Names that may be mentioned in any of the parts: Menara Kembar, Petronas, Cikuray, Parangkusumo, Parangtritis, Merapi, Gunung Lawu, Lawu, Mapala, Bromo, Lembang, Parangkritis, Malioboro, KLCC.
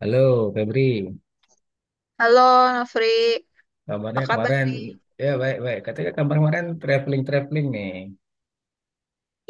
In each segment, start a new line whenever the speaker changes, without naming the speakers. Halo Febri,
Halo, Nofri. Apa
kabarnya
kabar
kemarin
nih?
ya baik-baik. Katanya kabar kemarin traveling-traveling nih.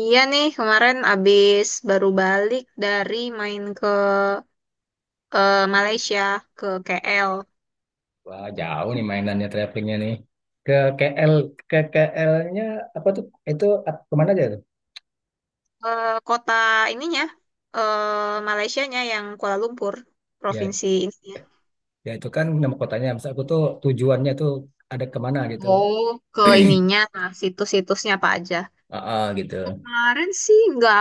Iya nih, kemarin abis baru balik dari main ke Malaysia, ke KL.
Wah jauh nih mainannya travelingnya nih. Ke KL, ke KL-nya apa tuh? Itu kemana aja tuh?
Ke kota ininya, eh Malaysianya yang Kuala Lumpur,
Ya,
provinsi ininya.
ya itu kan nama kotanya. Maksud aku tuh tujuannya tuh ada kemana gitu.
Oh, ke ininya, nah, situs-situsnya apa aja.
Heeh, gitu.
Kemarin sih nggak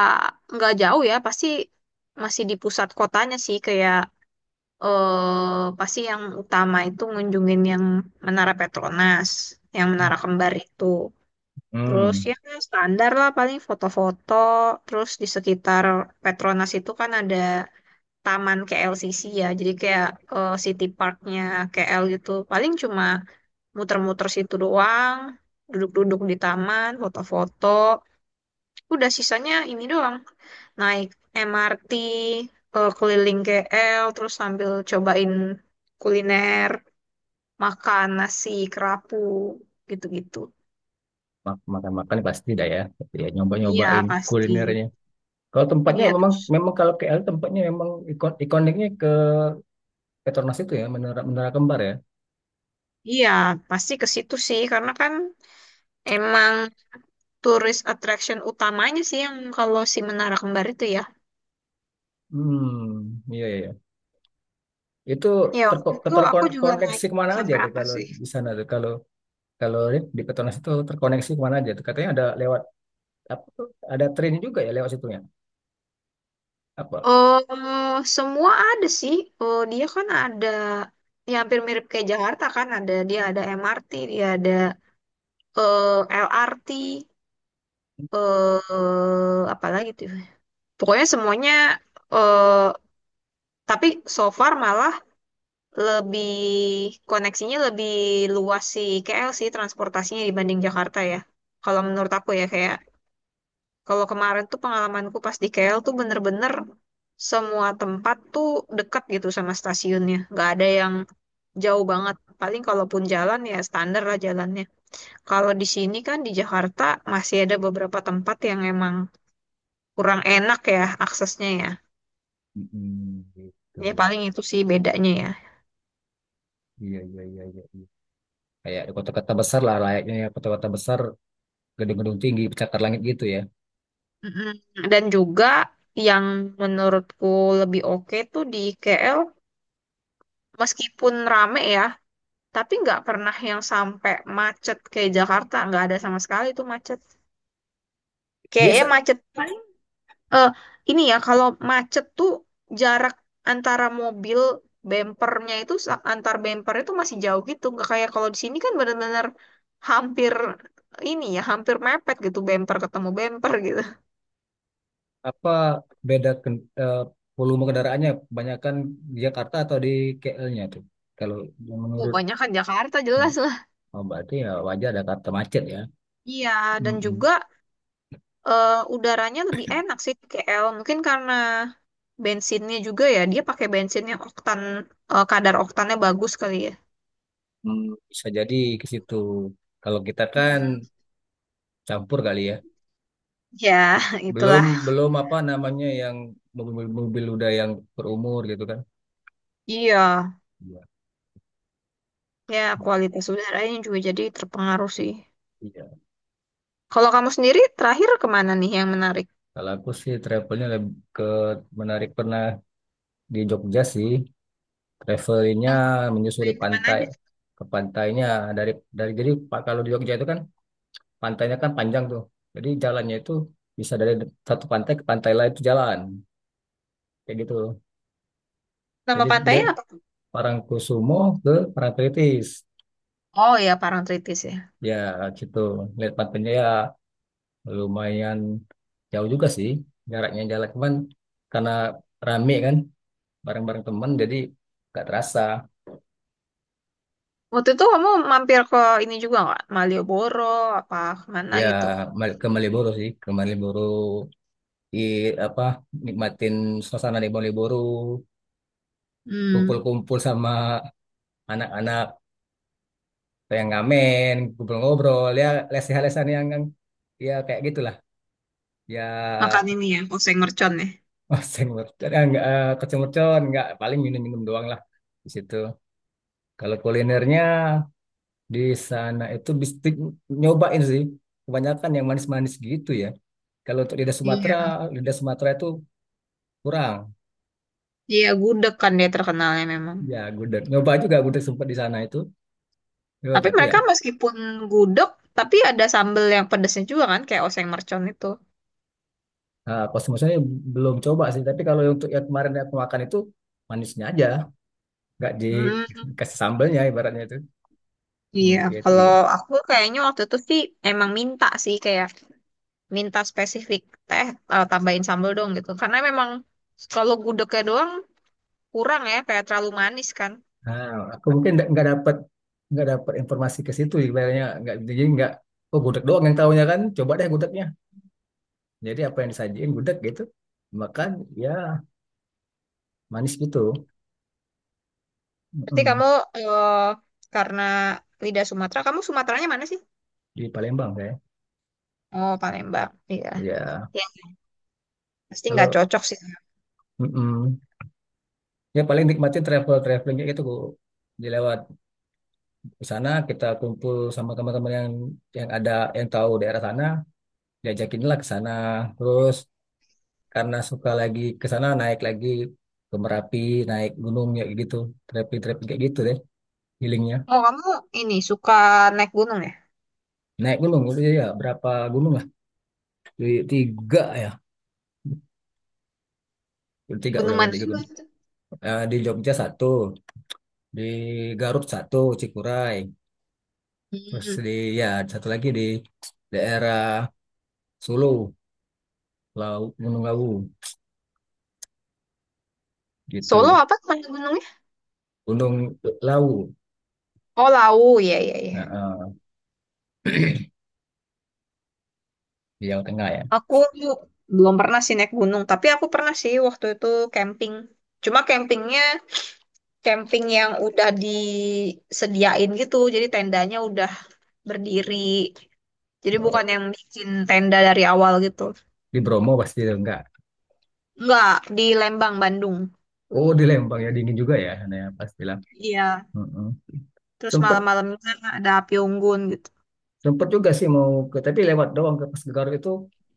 nggak jauh ya, pasti masih di pusat kotanya sih, kayak pasti yang utama itu ngunjungin yang Menara Petronas, yang Menara Kembar itu. Terus
Hmm,
ya standar lah paling foto-foto. Terus di sekitar Petronas itu kan ada taman KLCC ya. Jadi kayak City Parknya KL gitu. Paling cuma muter-muter situ doang. Duduk-duduk di taman, foto-foto. Udah sisanya ini doang naik MRT, keliling KL terus sambil cobain kuliner, makan nasi kerapu gitu-gitu.
makan-makan pasti dah ya. Ya
Iya
nyoba-nyobain
pasti.
kulinernya. Kalau tempatnya
Iya
memang
terus
memang kalau KL tempatnya memang ikon ikoniknya ke Petronas itu ya, menara Menara Kembar ya.
iya pasti ke situ sih karena kan emang tourist attraction utamanya sih yang kalau si Menara Kembar itu ya.
Hmm, iya, iya, iya. Itu
Ya waktu itu aku juga naik
terkoneksi kemana aja
sampai
tuh
apa
kalau
sih.
di sana tuh kalau kalau di Petronas itu terkoneksi kemana aja tuh katanya ada lewat apa tuh ada train juga ya lewat situnya apa?
Oh, semua ada sih. Oh, dia kan ada, ya hampir mirip kayak Jakarta kan ada, dia ada MRT, dia ada LRT, eh apalagi tuh. Pokoknya semuanya eh tapi so far malah lebih koneksinya lebih luas sih KL sih transportasinya dibanding Jakarta ya. Kalau menurut aku ya kayak kalau kemarin tuh pengalamanku pas di KL tuh bener-bener semua tempat tuh deket gitu sama stasiunnya. Nggak ada yang jauh banget. Paling kalaupun jalan ya standar lah jalannya. Kalau di sini kan di Jakarta masih ada beberapa tempat yang emang kurang enak ya aksesnya ya.
Mm-mm, gitu.
Ya paling itu sih bedanya ya.
Iya, iya, iya, iya, iya. Kayak di kota-kota besar lah layaknya ya kota-kota besar gedung-gedung tinggi pencakar langit gitu ya.
Mm-mm. Dan juga yang menurutku lebih oke tuh di KL, meskipun rame ya, tapi nggak pernah yang sampai macet kayak Jakarta, nggak ada sama sekali tuh macet.
Dia
Kayaknya
se-
macet paling Eh, ini ya, kalau macet tuh jarak antara mobil bempernya itu antar bemper itu masih jauh gitu. Nggak kayak kalau di sini kan benar-benar hampir ini ya, hampir mepet gitu, bemper ketemu bemper gitu.
Apa beda volume kendaraannya kebanyakan di Jakarta atau di KL-nya tuh. Kalau yang
Oh,
menurut
banyak kan Jakarta jelas lah.
Oh, berarti ya wajar ada Jakarta macet ya.
Iya, dan
Mm-mm.
juga udaranya lebih enak sih di KL. Mungkin karena bensinnya juga ya, dia pakai bensin yang oktan, kadar oktannya bagus kali ya.
Hmm, Bisa jadi ke situ. Kalau kita kan
Mm,
campur kali ya.
ya,
Belum
itulah.
belum apa namanya yang mobil-mobil udah yang berumur gitu kan.
Iya.
Iya.
Ya, kualitas udaranya juga jadi terpengaruh sih.
Iya.
Kalau kamu sendiri terakhir kemana nih yang menarik?
Kalau aku sih travelnya lebih ke menarik pernah di Jogja sih. Travelingnya
Yang
menyusuri
main kemana
pantai
aja?
ke pantainya dari jadi Pak kalau di Jogja itu kan pantainya kan panjang tuh. Jadi jalannya itu bisa dari satu pantai ke pantai lain itu jalan kayak gitu.
Nama
Jadi dia
pantainya apa tuh?
Parangkusumo ke Parangkritis.
Oh ya, Parangtritis ya.
Ya gitu. Lihat pantai ya lumayan jauh juga sih jaraknya jalan cuman karena rame kan bareng-bareng teman jadi nggak terasa.
Waktu itu kamu mampir ke ini juga nggak? Malioboro, apa kemana
Ya
gitu?
ke Malioboro sih, ke Malioboro di apa nikmatin suasana di Malioboro,
Hmm,
kumpul-kumpul sama anak-anak yang ngamen, kumpul ngobrol ya lesehan-lesehan yang ya kayak gitulah. Ya.
makan ini ya, oseng mercon ya.
Oh, seng mercon. Eh, nggak eh, kecil mercon. Enggak, paling minum-minum doang lah di situ. Kalau kulinernya di sana itu bistik nyobain sih. Kebanyakan yang manis-manis gitu ya. Kalau untuk
Iya.
lidah Sumatera itu kurang.
Iya, gudeg kan dia terkenalnya memang.
Ya, gudeg. Nyoba juga gudeg sempat di sana itu. Ya,
Tapi
tapi ya,
mereka meskipun gudeg, tapi ada sambel yang pedesnya juga kan, kayak oseng mercon itu.
pas maksudnya belum coba sih. Tapi kalau untuk yang kemarin aku makan itu manisnya aja. Nggak
Hmm.
dikasih sambelnya ibaratnya itu.
Iya,
Kayak
kalau
gitu.
aku kayaknya waktu itu sih emang minta sih kayak minta spesifik teh, tambahin sambal dong gitu. Karena memang kalau gudegnya doang kurang ya, kayak terlalu manis kan.
Nah, aku mungkin nggak dapat informasi ke situ ibaratnya nggak jadi nggak oh gudeg doang yang tahunya kan coba deh gudegnya jadi apa yang disajiin gudeg gitu makan ya manis gitu.
Berarti
Mm-mm.
kamu eh, karena lidah Sumatera, kamu Sumateranya mana sih?
Di Palembang kayak
Oh, Palembang. Iya.
ya
Ya, pasti nggak
kalau
cocok sih.
mm-mm. Ya paling nikmatin travelingnya gitu Bu. Di lewat ke sana kita kumpul sama teman-teman yang ada yang tahu daerah sana diajakin lah ke sana terus karena suka lagi ke sana naik lagi ke Merapi naik gunung ya gitu trekking trekking kayak gitu deh healingnya.
Oh, kamu ini suka naik gunung ya?
Naik gunung itu ya berapa gunung lah di tiga ya. Udah tiga udah
Gunung
udah
mana
tiga
sih
gunung.
waktu?
Eh, di Jogja satu di Garut satu Cikuray terus
Hmm.
di ya satu lagi di daerah Solo Lawu Gunung Lawu
Solo
gitu.
apa? Mana gunungnya?
Gunung Lawu.
Oh, Lawu. Iya, iya, iya.
Nah, di Jawa Tengah ya.
Aku belum pernah sih naik gunung, tapi aku pernah sih waktu itu camping. Cuma campingnya camping yang udah disediain gitu, jadi tendanya udah berdiri. Jadi
Oh,
bukan yang bikin tenda dari awal gitu.
di Bromo pasti itu enggak.
Enggak, di Lembang, Bandung.
Oh di Lembang ya dingin juga ya sana ya pastilah.
Iya,
Mm-mm.
terus
Sempet
malam-malamnya ada api unggun gitu.
sempet juga sih mau ke tapi lewat doang ke pas ke Garut itu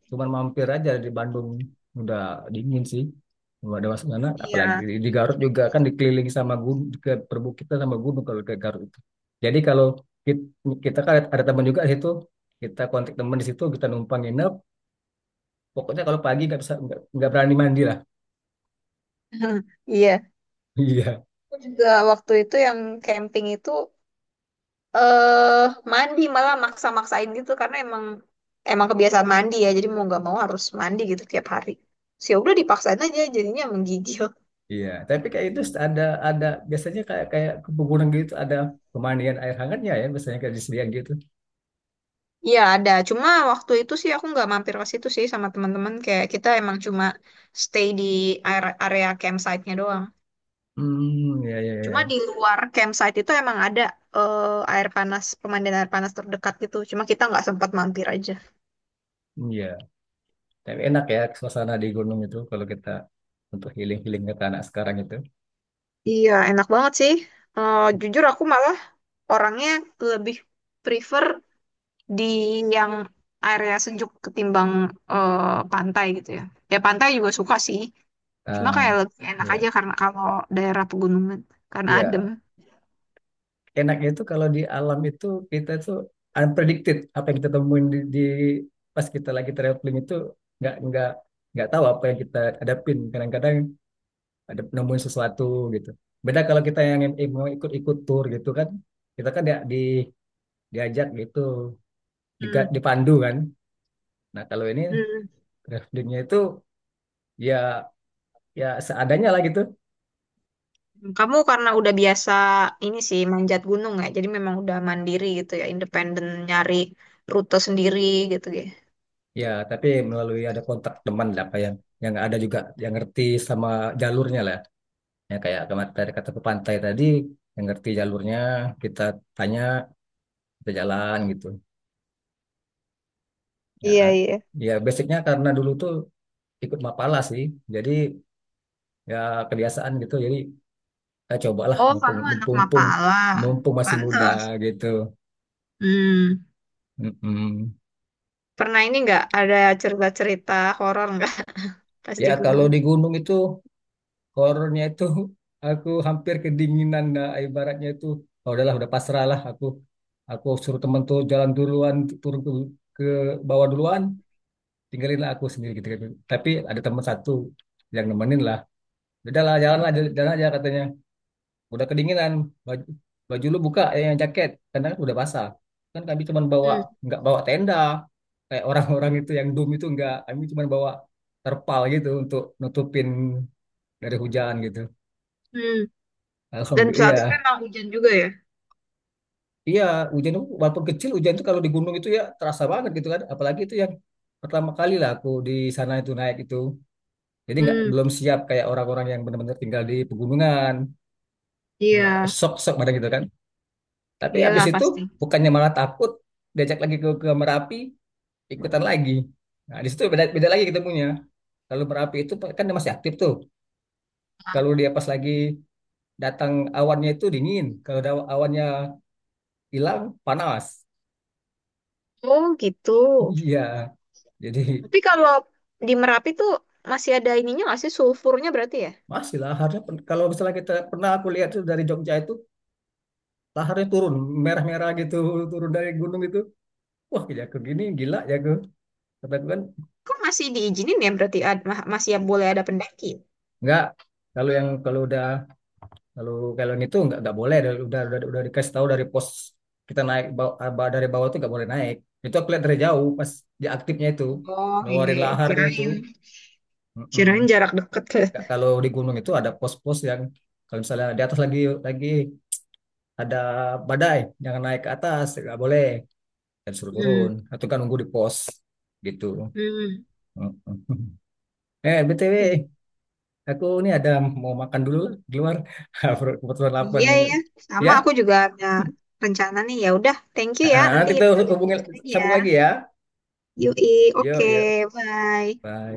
cuman mampir aja di Bandung udah dingin sih. Nggak ada masuk sana apalagi
Iya.
di Garut juga kan dikelilingi sama gunung ke perbukitan sama gunung kalau ke Garut itu. Jadi kalau kita, kita kan ada teman juga di situ. Kita kontak teman di situ kita numpang nginep. Pokoknya kalau pagi nggak bisa nggak berani mandi lah.
Iya.
Iya.
Aku juga waktu itu yang camping itu eh mandi malah maksa-maksain gitu karena emang emang kebiasaan mandi ya jadi mau nggak mau harus mandi gitu tiap hari sih, ya udah dipaksain aja jadinya menggigil.
Iya tapi kayak itu ada ada biasanya kayak kayak ke pegunungan gitu ada pemandian air hangatnya ya biasanya kayak disediakan gitu.
Iya ada, cuma waktu itu sih aku nggak mampir ke situ sih sama teman-teman, kayak kita emang cuma stay di area campsite-nya doang.
Hmm, ya, ya,
Cuma
ya.
di luar campsite itu emang ada air panas, pemandian air panas terdekat gitu, cuma kita nggak sempat mampir aja.
Iya, tapi enak ya suasana di gunung itu kalau kita untuk healing-healing ke anak sekarang itu.
Iya, enak banget sih. Eh, jujur aku malah orangnya lebih prefer di yang area sejuk ketimbang pantai gitu ya. Ya pantai juga suka sih. Cuma kayak
Ah,
lebih enak
iya.
aja karena kalau daerah pegunungan karena adem.
Iya, enaknya itu kalau di alam itu kita tuh unpredicted apa yang kita temuin di pas kita lagi traveling itu nggak nggak nggak tahu apa yang kita hadapin. Kadang-kadang ada nemuin sesuatu gitu. Beda kalau kita yang mau ikut-ikut tour gitu kan, kita kan di diajak gitu,
Hmm,
dipandu kan. Nah, kalau ini
hmm.
travelingnya itu ya ya seadanya lah gitu.
Kamu karena udah biasa ini sih manjat gunung ya. Jadi memang udah mandiri gitu ya, independen nyari rute sendiri gitu ya.
Ya tapi melalui ada kontak teman lah apa yang ada juga yang ngerti sama jalurnya lah. Ya kayak kemarin tadi kata ke pantai tadi yang ngerti jalurnya kita tanya kita jalan gitu ya.
Iya, iya.
Ya basicnya karena dulu tuh ikut Mapala sih jadi ya kebiasaan gitu jadi ya cobalah
Oh,
mumpung
kamu anak
mumpung
Mapala.
mumpung masih muda
Pantas.
gitu.
Hmm.
Mm-mm.
Pernah ini nggak, ada cerita-cerita horor nggak pas
Ya
di
kalau
gunung?
di gunung itu horornya itu, aku hampir kedinginan nah, ibaratnya itu oh, udahlah udah pasrah lah aku suruh temen tuh jalan duluan turun ke bawah duluan tinggalin lah aku sendiri gitu, gitu. Tapi ada teman satu yang nemenin lah udahlah jalan lah jalan jalan aja katanya udah kedinginan baju, baju lu buka eh, yang jaket karena kan udah basah kan kami cuma bawa
Hmm.
nggak bawa tenda kayak orang-orang itu yang doom itu nggak kami cuma bawa terpal gitu untuk nutupin dari hujan gitu.
Hmm. Dan
Alhamdulillah,
saat itu
iya.
emang hujan juga ya?
Iya, hujan itu walaupun kecil hujan itu kalau di gunung itu ya terasa banget gitu kan. Apalagi itu yang pertama kali lah aku di sana itu naik itu. Jadi nggak
Hmm,
belum siap kayak orang-orang yang benar-benar tinggal di pegunungan.
iya,
Wah, shock-shock pada gitu kan. Tapi habis
iyalah
itu
pasti.
bukannya malah takut diajak lagi ke Merapi ikutan lagi. Nah, di situ beda beda lagi ketemunya. Kalau Merapi itu kan dia masih aktif tuh. Kalau dia pas lagi datang awannya itu dingin, kalau ada awannya hilang panas.
Oh gitu.
Iya. Jadi
Tapi kalau di Merapi tuh masih ada ininya nggak sih, sulfurnya berarti ya?
masih laharnya kalau misalnya kita pernah aku lihat tuh dari Jogja itu laharnya turun merah-merah gitu turun dari gunung itu wah gila aku gini gila ya aku kata aku kan
Kok masih diizinin ya berarti masih boleh ada pendaki?
nggak kalau yang kalau udah kalau kalau yang itu nggak boleh udah dikasih tahu dari pos kita naik dari bawah itu nggak boleh naik itu aku lihat dari jauh pas dia aktifnya itu
Oh iya,
ngeluarin
iya.
laharnya itu.
Kirain. Kirain
Mm-mm.
jarak dekat ke.
Kalau di gunung itu ada pos-pos yang kalau misalnya di atas lagi ada badai jangan naik ke atas nggak boleh dan suruh
Hmm,
turun atau kan nunggu di pos gitu.
hmm.
Heeh. Eh BTW,
I-
aku ini ada mau makan dulu lah di luar. Kebetulan lapar
Iya
nih.
ya, sama
Ya,
aku juga ada rencana nih. Ya udah, thank you ya.
Ah,
Nanti
nanti
kita
tuh
lanjut
hubungin
lagi ya.
sambung lagi ya.
Yui,
Yuk,
oke,
yuk.
bye.
Bye.